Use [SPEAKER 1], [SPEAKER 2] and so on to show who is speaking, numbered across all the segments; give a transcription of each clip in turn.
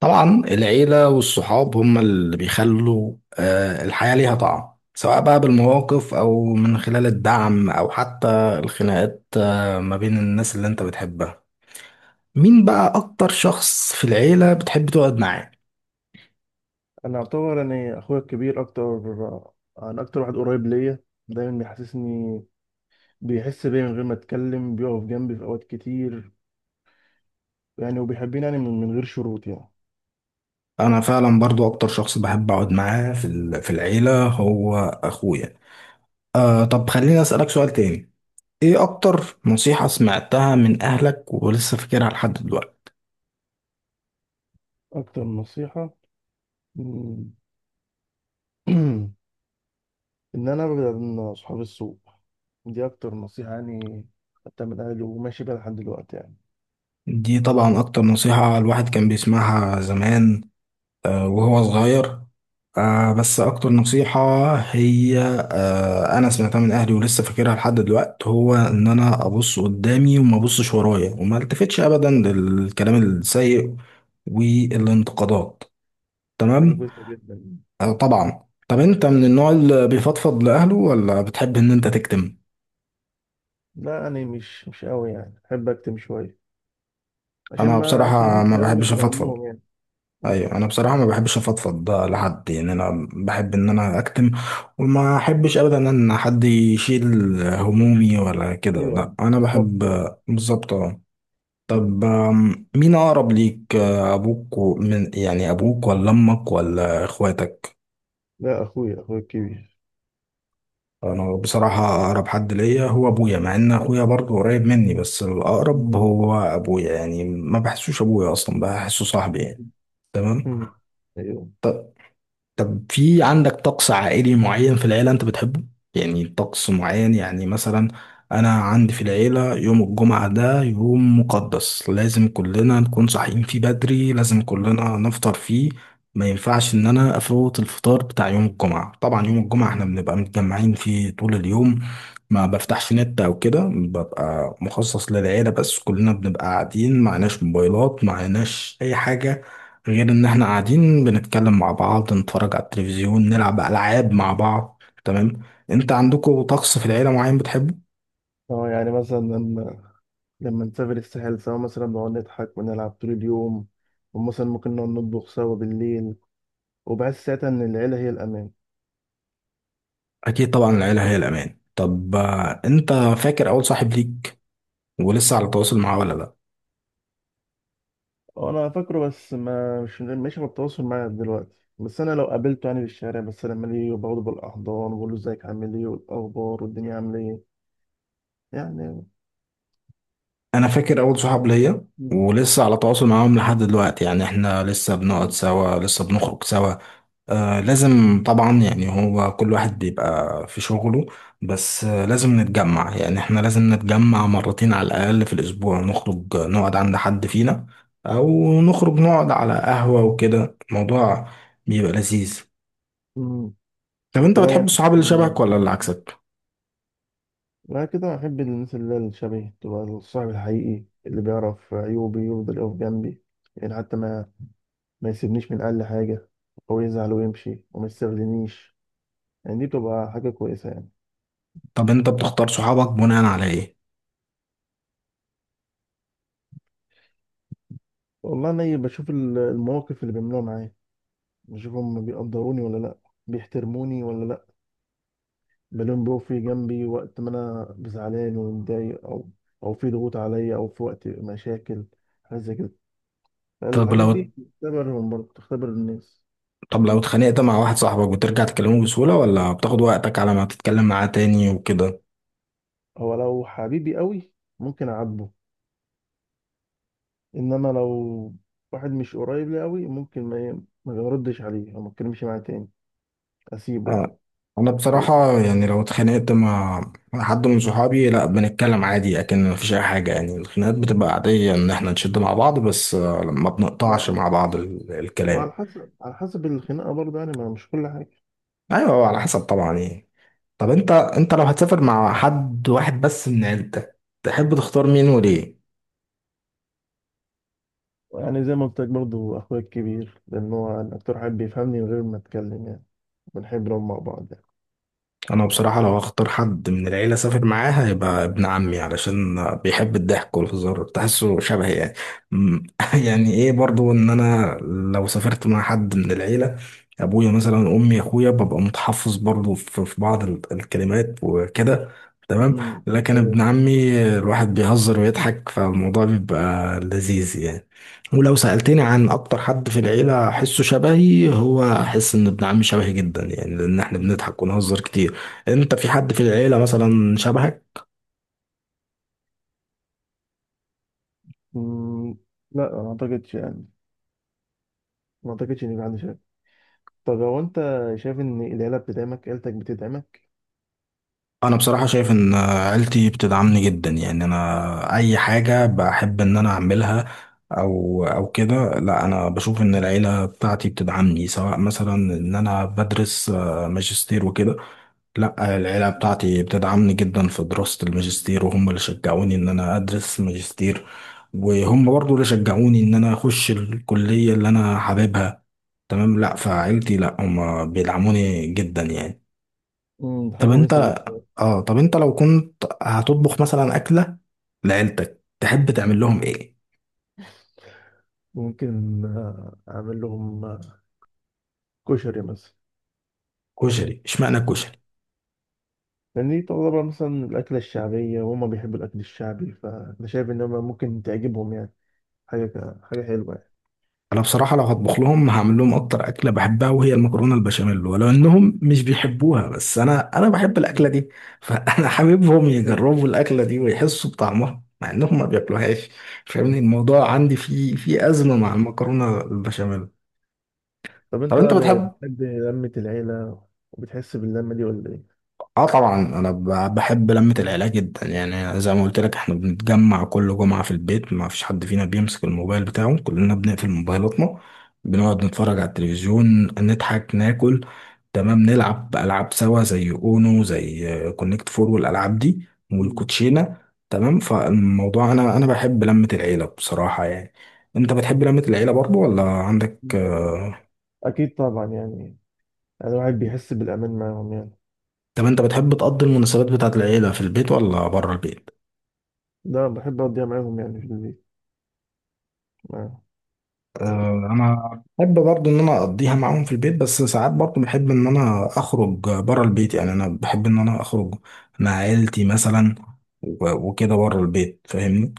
[SPEAKER 1] طبعا العيلة والصحاب هم اللي بيخلوا الحياة ليها طعم، سواء بقى بالمواقف أو من خلال الدعم أو حتى الخناقات، ما بين الناس اللي أنت بتحبها. مين بقى أكتر شخص في العيلة بتحب تقعد معاه؟
[SPEAKER 2] انا اعتبر يعني اخويا الكبير اكتر. انا اكتر واحد قريب ليا، دايما بيحسسني، بيحس بيا من غير ما اتكلم، بيقف جنبي في اوقات كتير يعني، وبيحبني يعني من غير شروط يعني.
[SPEAKER 1] أنا فعلا برضو أكتر شخص بحب أقعد معاه في العيلة هو أخويا. آه، طب خليني أسألك سؤال تاني. إيه أكتر نصيحة سمعتها من أهلك ولسه فاكرها لحد دلوقتي؟
[SPEAKER 2] اكتر نصيحة مم، ان انا ابعد عن صحاب السوء. دي اكتر نصيحة يعني، خدتها من اهلي وماشي بيها لحد دلوقتي يعني.
[SPEAKER 1] دي طبعا أكتر نصيحة الواحد كان بيسمعها زمان وهو صغير. بس أكتر نصيحة هي أنا سمعتها من أهلي ولسه فاكرها لحد دلوقتي هو إن أنا أبص قدامي وما أبصش ورايا وما التفتش أبدا للكلام السيء والانتقادات.
[SPEAKER 2] حاجة
[SPEAKER 1] تمام.
[SPEAKER 2] كويسة جدا.
[SPEAKER 1] آه، طبعا طب أنت من النوع اللي بيفضفض لأهله ولا بتحب إن أنت تكتم؟
[SPEAKER 2] لا يعني مش قوي، يعني احب اكتم شوية عشان
[SPEAKER 1] أنا
[SPEAKER 2] ما
[SPEAKER 1] بصراحة
[SPEAKER 2] اشيلهمش
[SPEAKER 1] ما
[SPEAKER 2] هم
[SPEAKER 1] بحبش
[SPEAKER 2] في
[SPEAKER 1] أفضفض.
[SPEAKER 2] همهم يعني. مم.
[SPEAKER 1] ايوه، انا بصراحه ما بحبش افضفض ده لحد، يعني انا بحب ان انا اكتم وما احبش ابدا ان حد يشيل همومي ولا كده.
[SPEAKER 2] ايوه،
[SPEAKER 1] لا، انا
[SPEAKER 2] بالظبط.
[SPEAKER 1] بحب بالظبط اه.
[SPEAKER 2] مم.
[SPEAKER 1] طب مين اقرب ليك، ابوك من، يعني ابوك ولا امك ولا اخواتك؟
[SPEAKER 2] لا، اخويا الكبير.
[SPEAKER 1] انا بصراحه اقرب حد ليا هو ابويا، مع ان اخويا برضه قريب مني بس الاقرب
[SPEAKER 2] مم.
[SPEAKER 1] هو ابويا. يعني ما بحسوش ابويا، اصلا بحسه صاحبي يعني. تمام.
[SPEAKER 2] مم. ايوه.
[SPEAKER 1] طب في عندك طقس عائلي معين في العيلة أنت بتحبه؟ يعني طقس معين، يعني مثلا أنا عندي في العيلة يوم الجمعة ده يوم مقدس، لازم كلنا نكون صاحيين فيه بدري، لازم كلنا نفطر فيه. ما ينفعش إن أنا أفوت الفطار بتاع يوم الجمعة. طبعا يوم الجمعة إحنا بنبقى متجمعين فيه طول اليوم، ما بفتحش نت أو كده، ببقى مخصص للعيلة بس. كلنا بنبقى قاعدين، معناش موبايلات، معناش أي حاجة غير ان احنا قاعدين بنتكلم مع بعض، نتفرج على التلفزيون، نلعب العاب مع بعض. تمام. انت عندكم طقس في العيله معين بتحبه؟
[SPEAKER 2] اه، يعني مثلا لما نسافر الساحل سوا، مثلا بنقعد نضحك ونلعب طول اليوم. ومثلا ممكن نقعد نطبخ سوا بالليل، وبحس ساعتها ان العيله هي الامان.
[SPEAKER 1] اكيد طبعا العيله هي الامان. طب انت فاكر اول صاحب ليك ولسه على تواصل معاه ولا لا؟
[SPEAKER 2] اه، انا فاكره، بس ما مش مش بالتواصل معاه دلوقتي، بس انا لو قابلته يعني في الشارع، بس لما ليه بقعد بالاحضان وبقول له ازيك، عامل ايه، والاخبار، والدنيا عامله ايه يعني.
[SPEAKER 1] انا فاكر اول صحاب ليا
[SPEAKER 2] مم.
[SPEAKER 1] ولسه على تواصل معاهم لحد دلوقتي. يعني احنا لسه بنقعد
[SPEAKER 2] مم.
[SPEAKER 1] سوا، لسه بنخرج سوا. آه، لازم طبعا. يعني هو كل واحد بيبقى في شغله بس آه، لازم نتجمع. يعني احنا لازم نتجمع مرتين على الأقل في الأسبوع، نخرج نقعد عند حد فينا أو نخرج نقعد على قهوة وكده. الموضوع بيبقى لذيذ.
[SPEAKER 2] مم.
[SPEAKER 1] طب انت بتحب
[SPEAKER 2] وكمان
[SPEAKER 1] الصحاب اللي شبهك
[SPEAKER 2] يعني،
[SPEAKER 1] ولا اللي عكسك؟
[SPEAKER 2] أنا كده أحب الناس اللي هي الشبهي، تبقى الصاحب الحقيقي اللي بيعرف عيوبي، يفضل يقف جنبي يعني، حتى ما يسيبنيش من أقل حاجة، أو يزعل ويمشي وما يستخدمنيش يعني. دي بتبقى حاجة كويسة يعني.
[SPEAKER 1] طب انت بتختار صحابك بناء على ايه؟
[SPEAKER 2] والله أنا بشوف المواقف اللي بيعملوها معايا، بشوفهم بيقدروني ولا لأ، بيحترموني ولا لأ، بلاقيهم بيقفوا جنبي وقت ما أنا زعلان ومتضايق، أو في ضغوط عليا، أو في وقت مشاكل، حاجة زي كده.
[SPEAKER 1] طب
[SPEAKER 2] الحاجات
[SPEAKER 1] لو
[SPEAKER 2] دي بتختبرهم، برضه بتختبر الناس.
[SPEAKER 1] طب لو اتخانقت مع واحد صاحبك بترجع تكلمه بسهولة ولا بتاخد وقتك على ما تتكلم معاه تاني وكده؟
[SPEAKER 2] هو لو حبيبي قوي ممكن اعاتبه، انما لو واحد مش قريب لي قوي، ممكن ما بردش عليه او ما اتكلمش معاه تاني، اسيبه يعني.
[SPEAKER 1] انا
[SPEAKER 2] فرقت.
[SPEAKER 1] بصراحة، يعني لو اتخانقت مع حد من صحابي لا، بنتكلم عادي. لكن مفيش اي حاجة، يعني الخناقات بتبقى عادية ان احنا نشد مع بعض بس آه، ما بنقطعش
[SPEAKER 2] ما
[SPEAKER 1] مع بعض
[SPEAKER 2] ما
[SPEAKER 1] الكلام.
[SPEAKER 2] على حسب الخناقه برضه يعني، ما مش كل حاجه.
[SPEAKER 1] ايوه، هو على حسب طبعا يعني. طب انت لو هتسافر مع حد واحد بس من عيلتك تحب تختار مين وليه؟
[SPEAKER 2] يعني زي ما قلت لك، برضه اخويا الكبير، لان هو أنا اكتر حد بيفهمني من غير ما اتكلم يعني، بنحب نقعد مع بعض يعني.
[SPEAKER 1] انا بصراحه لو هختار حد من العيله اسافر معاه هيبقى ابن عمي، علشان بيحب الضحك والهزار، تحسه شبهي يعني. أمم،
[SPEAKER 2] مم.
[SPEAKER 1] يعني ايه برضو ان انا لو سافرت مع حد من العيله، ابويا مثلا، امي، اخويا، ببقى متحفظ برضو في بعض الكلمات وكده. تمام.
[SPEAKER 2] مم.
[SPEAKER 1] لكن
[SPEAKER 2] ايوه.
[SPEAKER 1] ابن عمي الواحد بيهزر ويضحك، فالموضوع بيبقى لذيذ يعني. ولو سألتني عن أكتر حد في العيلة أحسه شبهي هو، أحس إن ابن عمي شبهي جدا يعني، لأن إحنا
[SPEAKER 2] مم.
[SPEAKER 1] بنضحك ونهزر كتير. انت في حد في العيلة مثلا شبهك؟
[SPEAKER 2] مم. لا، ما اعتقدش يعني، ما اعتقدش ان يبقى عندي شك. طب هو انت شايف ان العيله بتدعمك، عيلتك بتدعمك؟
[SPEAKER 1] انا بصراحة شايف ان عيلتي بتدعمني جدا يعني. انا اي حاجة بحب ان انا اعملها او او كده، لا انا بشوف ان العيلة بتاعتي بتدعمني. سواء مثلا ان انا بدرس ماجستير وكده، لا العيلة بتاعتي بتدعمني جدا في دراسة الماجستير، وهم اللي شجعوني ان انا ادرس ماجستير، وهم برضو اللي شجعوني ان انا اخش الكلية اللي انا حاببها. تمام. لا، فعيلتي لا، هم بيدعموني جدا يعني. طب
[SPEAKER 2] حاجة
[SPEAKER 1] انت،
[SPEAKER 2] كويسة جدا.
[SPEAKER 1] اه طب انت لو كنت هتطبخ مثلا اكله لعيلتك تحب تعمل لهم ايه؟
[SPEAKER 2] ممكن أعمل لهم كشري مثلا.
[SPEAKER 1] كشري؟ اشمعنى الكشري؟
[SPEAKER 2] لأن دي تعتبر مثلا الأكلة الشعبية، وهما بيحبوا الأكل الشعبي، فأنا شايف إن هما ممكن تعجبهم يعني. حاجة حلوة يعني.
[SPEAKER 1] انا بصراحه لو هطبخ لهم هعمل لهم اكتر اكله بحبها، وهي المكرونه البشاميل. ولو انهم مش بيحبوها بس انا بحب الاكله دي، فانا حاببهم يجربوا الاكله دي ويحسوا بطعمها مع انهم ما بياكلوهاش. فاهمني،
[SPEAKER 2] مم.
[SPEAKER 1] الموضوع عندي فيه ازمه مع المكرونه البشاميل.
[SPEAKER 2] طب
[SPEAKER 1] طب
[SPEAKER 2] أنت
[SPEAKER 1] انت
[SPEAKER 2] بقى،
[SPEAKER 1] بتحب؟
[SPEAKER 2] بتحب لمة العيلة وبتحس باللمة دي ولا إيه؟
[SPEAKER 1] اه طبعا انا بحب لمة العيله جدا يعني. زي ما قلت لك احنا بنتجمع كل جمعة في البيت، ما فيش حد فينا بيمسك الموبايل بتاعه، كلنا بنقفل موبايلاتنا، بنقعد نتفرج على التلفزيون، نضحك، ناكل. تمام. نلعب العاب سوا زي اونو، زي كونكت فور، والالعاب دي،
[SPEAKER 2] مم.
[SPEAKER 1] والكوتشينة. تمام. فالموضوع انا بحب لمة العيله بصراحة يعني. انت بتحب لمة العيله برضو ولا عندك
[SPEAKER 2] طبعاً. أكيد طبعا يعني، يعني الواحد بيحس بالأمان معاهم يعني.
[SPEAKER 1] طب انت بتحب تقضي المناسبات بتاعت العيله في البيت ولا بره البيت؟
[SPEAKER 2] ده بحب أقضيها معاهم يعني، في البيت معاهم.
[SPEAKER 1] آه، انا بحب برضو ان انا اقضيها معاهم في البيت، بس ساعات برضو بحب ان انا اخرج بره البيت. يعني انا بحب ان انا اخرج مع عيلتي مثلا وكده بره البيت، فاهمني.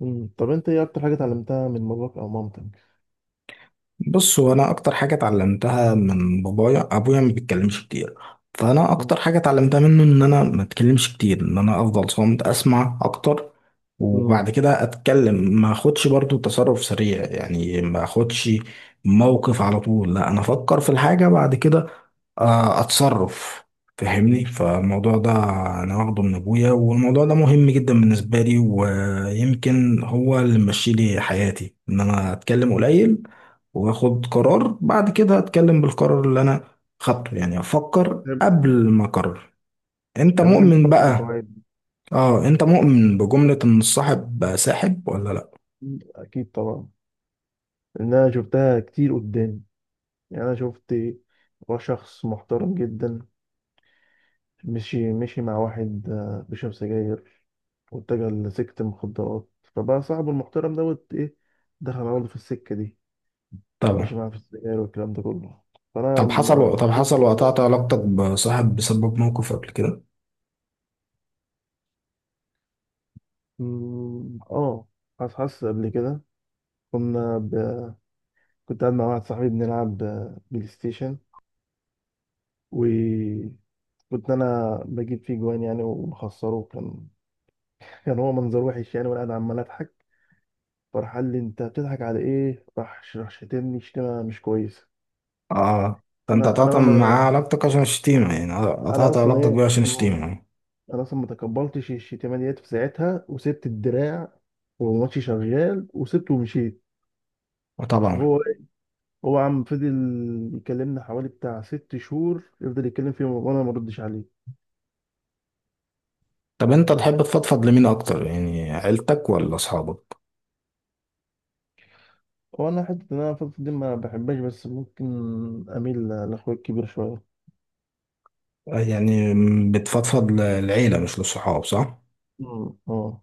[SPEAKER 2] مم. طب أنت إيه أكتر حاجة اتعلمتها من باباك أو مامتك؟
[SPEAKER 1] بص، هو انا اكتر حاجه اتعلمتها من بابايا، ابويا ما بيتكلمش كتير، فانا اكتر حاجه اتعلمتها منه ان انا ما اتكلمش كتير، ان انا افضل صامت اسمع اكتر
[SPEAKER 2] مم.
[SPEAKER 1] وبعد كده اتكلم. ما اخدش برضو تصرف سريع، يعني ما اخدش موقف على طول، لا انا افكر في الحاجه بعد كده اتصرف. فاهمني،
[SPEAKER 2] مم.
[SPEAKER 1] فالموضوع ده انا واخده من ابويا، والموضوع ده مهم جدا بالنسبه لي، ويمكن هو اللي ممشي لي حياتي، ان انا اتكلم قليل واخد قرار، بعد كده اتكلم بالقرار اللي انا خدته. يعني افكر
[SPEAKER 2] بتحب-
[SPEAKER 1] قبل ما اقرر. انت
[SPEAKER 2] انا بتحب
[SPEAKER 1] مؤمن
[SPEAKER 2] تفكر في
[SPEAKER 1] بقى،
[SPEAKER 2] اوقات.
[SPEAKER 1] اه انت مؤمن بجمله ان الصاحب ساحب ولا لا؟
[SPEAKER 2] اكيد طبعا، لان انا شفتها كتير قدامي، يعني انا شفت شخص محترم جدا مشي مع واحد بيشرب سجاير، واتجه لسكة المخدرات. فبقى صاحبه المحترم دوت ايه، دخل على برضه في السكة دي، مشي
[SPEAKER 1] طبعا.
[SPEAKER 2] معاه في السجاير والكلام ده كله. فانا
[SPEAKER 1] طب حصل طب حصل
[SPEAKER 2] مؤمن
[SPEAKER 1] وقطعت علاقتك بصاحب بسبب موقف قبل كده؟
[SPEAKER 2] مم، اه. حاسس قبل كده، كنا ب... كنت قاعد مع واحد صاحبي بنلعب بلاي ستيشن، و كنت انا بجيب فيه جوان يعني ومخسره كان، كان هو منظر وحش يعني، وانا قاعد عمال اضحك. فراح قال لي انت بتضحك على ايه، راح شتمني شتيمه مش كويسه.
[SPEAKER 1] اه فانت
[SPEAKER 2] انا
[SPEAKER 1] قطعت
[SPEAKER 2] انا ما
[SPEAKER 1] معاه علاقتك عشان الشتيمة يعني،
[SPEAKER 2] انا
[SPEAKER 1] قطعت
[SPEAKER 2] اصلا
[SPEAKER 1] علاقتك
[SPEAKER 2] ايه
[SPEAKER 1] بيه عشان
[SPEAKER 2] مم.
[SPEAKER 1] الشتيمة.
[SPEAKER 2] انا اصلا ما تقبلتش الشتيمه ديت في ساعتها، وسبت الدراع والماتش شغال وسبته ومشيت.
[SPEAKER 1] طبعا.
[SPEAKER 2] وهو إيه؟ هو عم فضل يكلمني حوالي بتاع 6 شهور، يفضل يتكلم فيه وانا ما ردش عليه.
[SPEAKER 1] طب انت
[SPEAKER 2] لحد،
[SPEAKER 1] تحب تفضفض لمين اكتر، يعني عيلتك ولا اصحابك؟
[SPEAKER 2] وانا حته ان انا فتره دي ما بحبهاش، بس ممكن اميل لاخويا الكبير شويه.
[SPEAKER 1] آه، يعني بتفضفض للعيلة مش للصحاب، صح؟
[SPEAKER 2] مم. مم.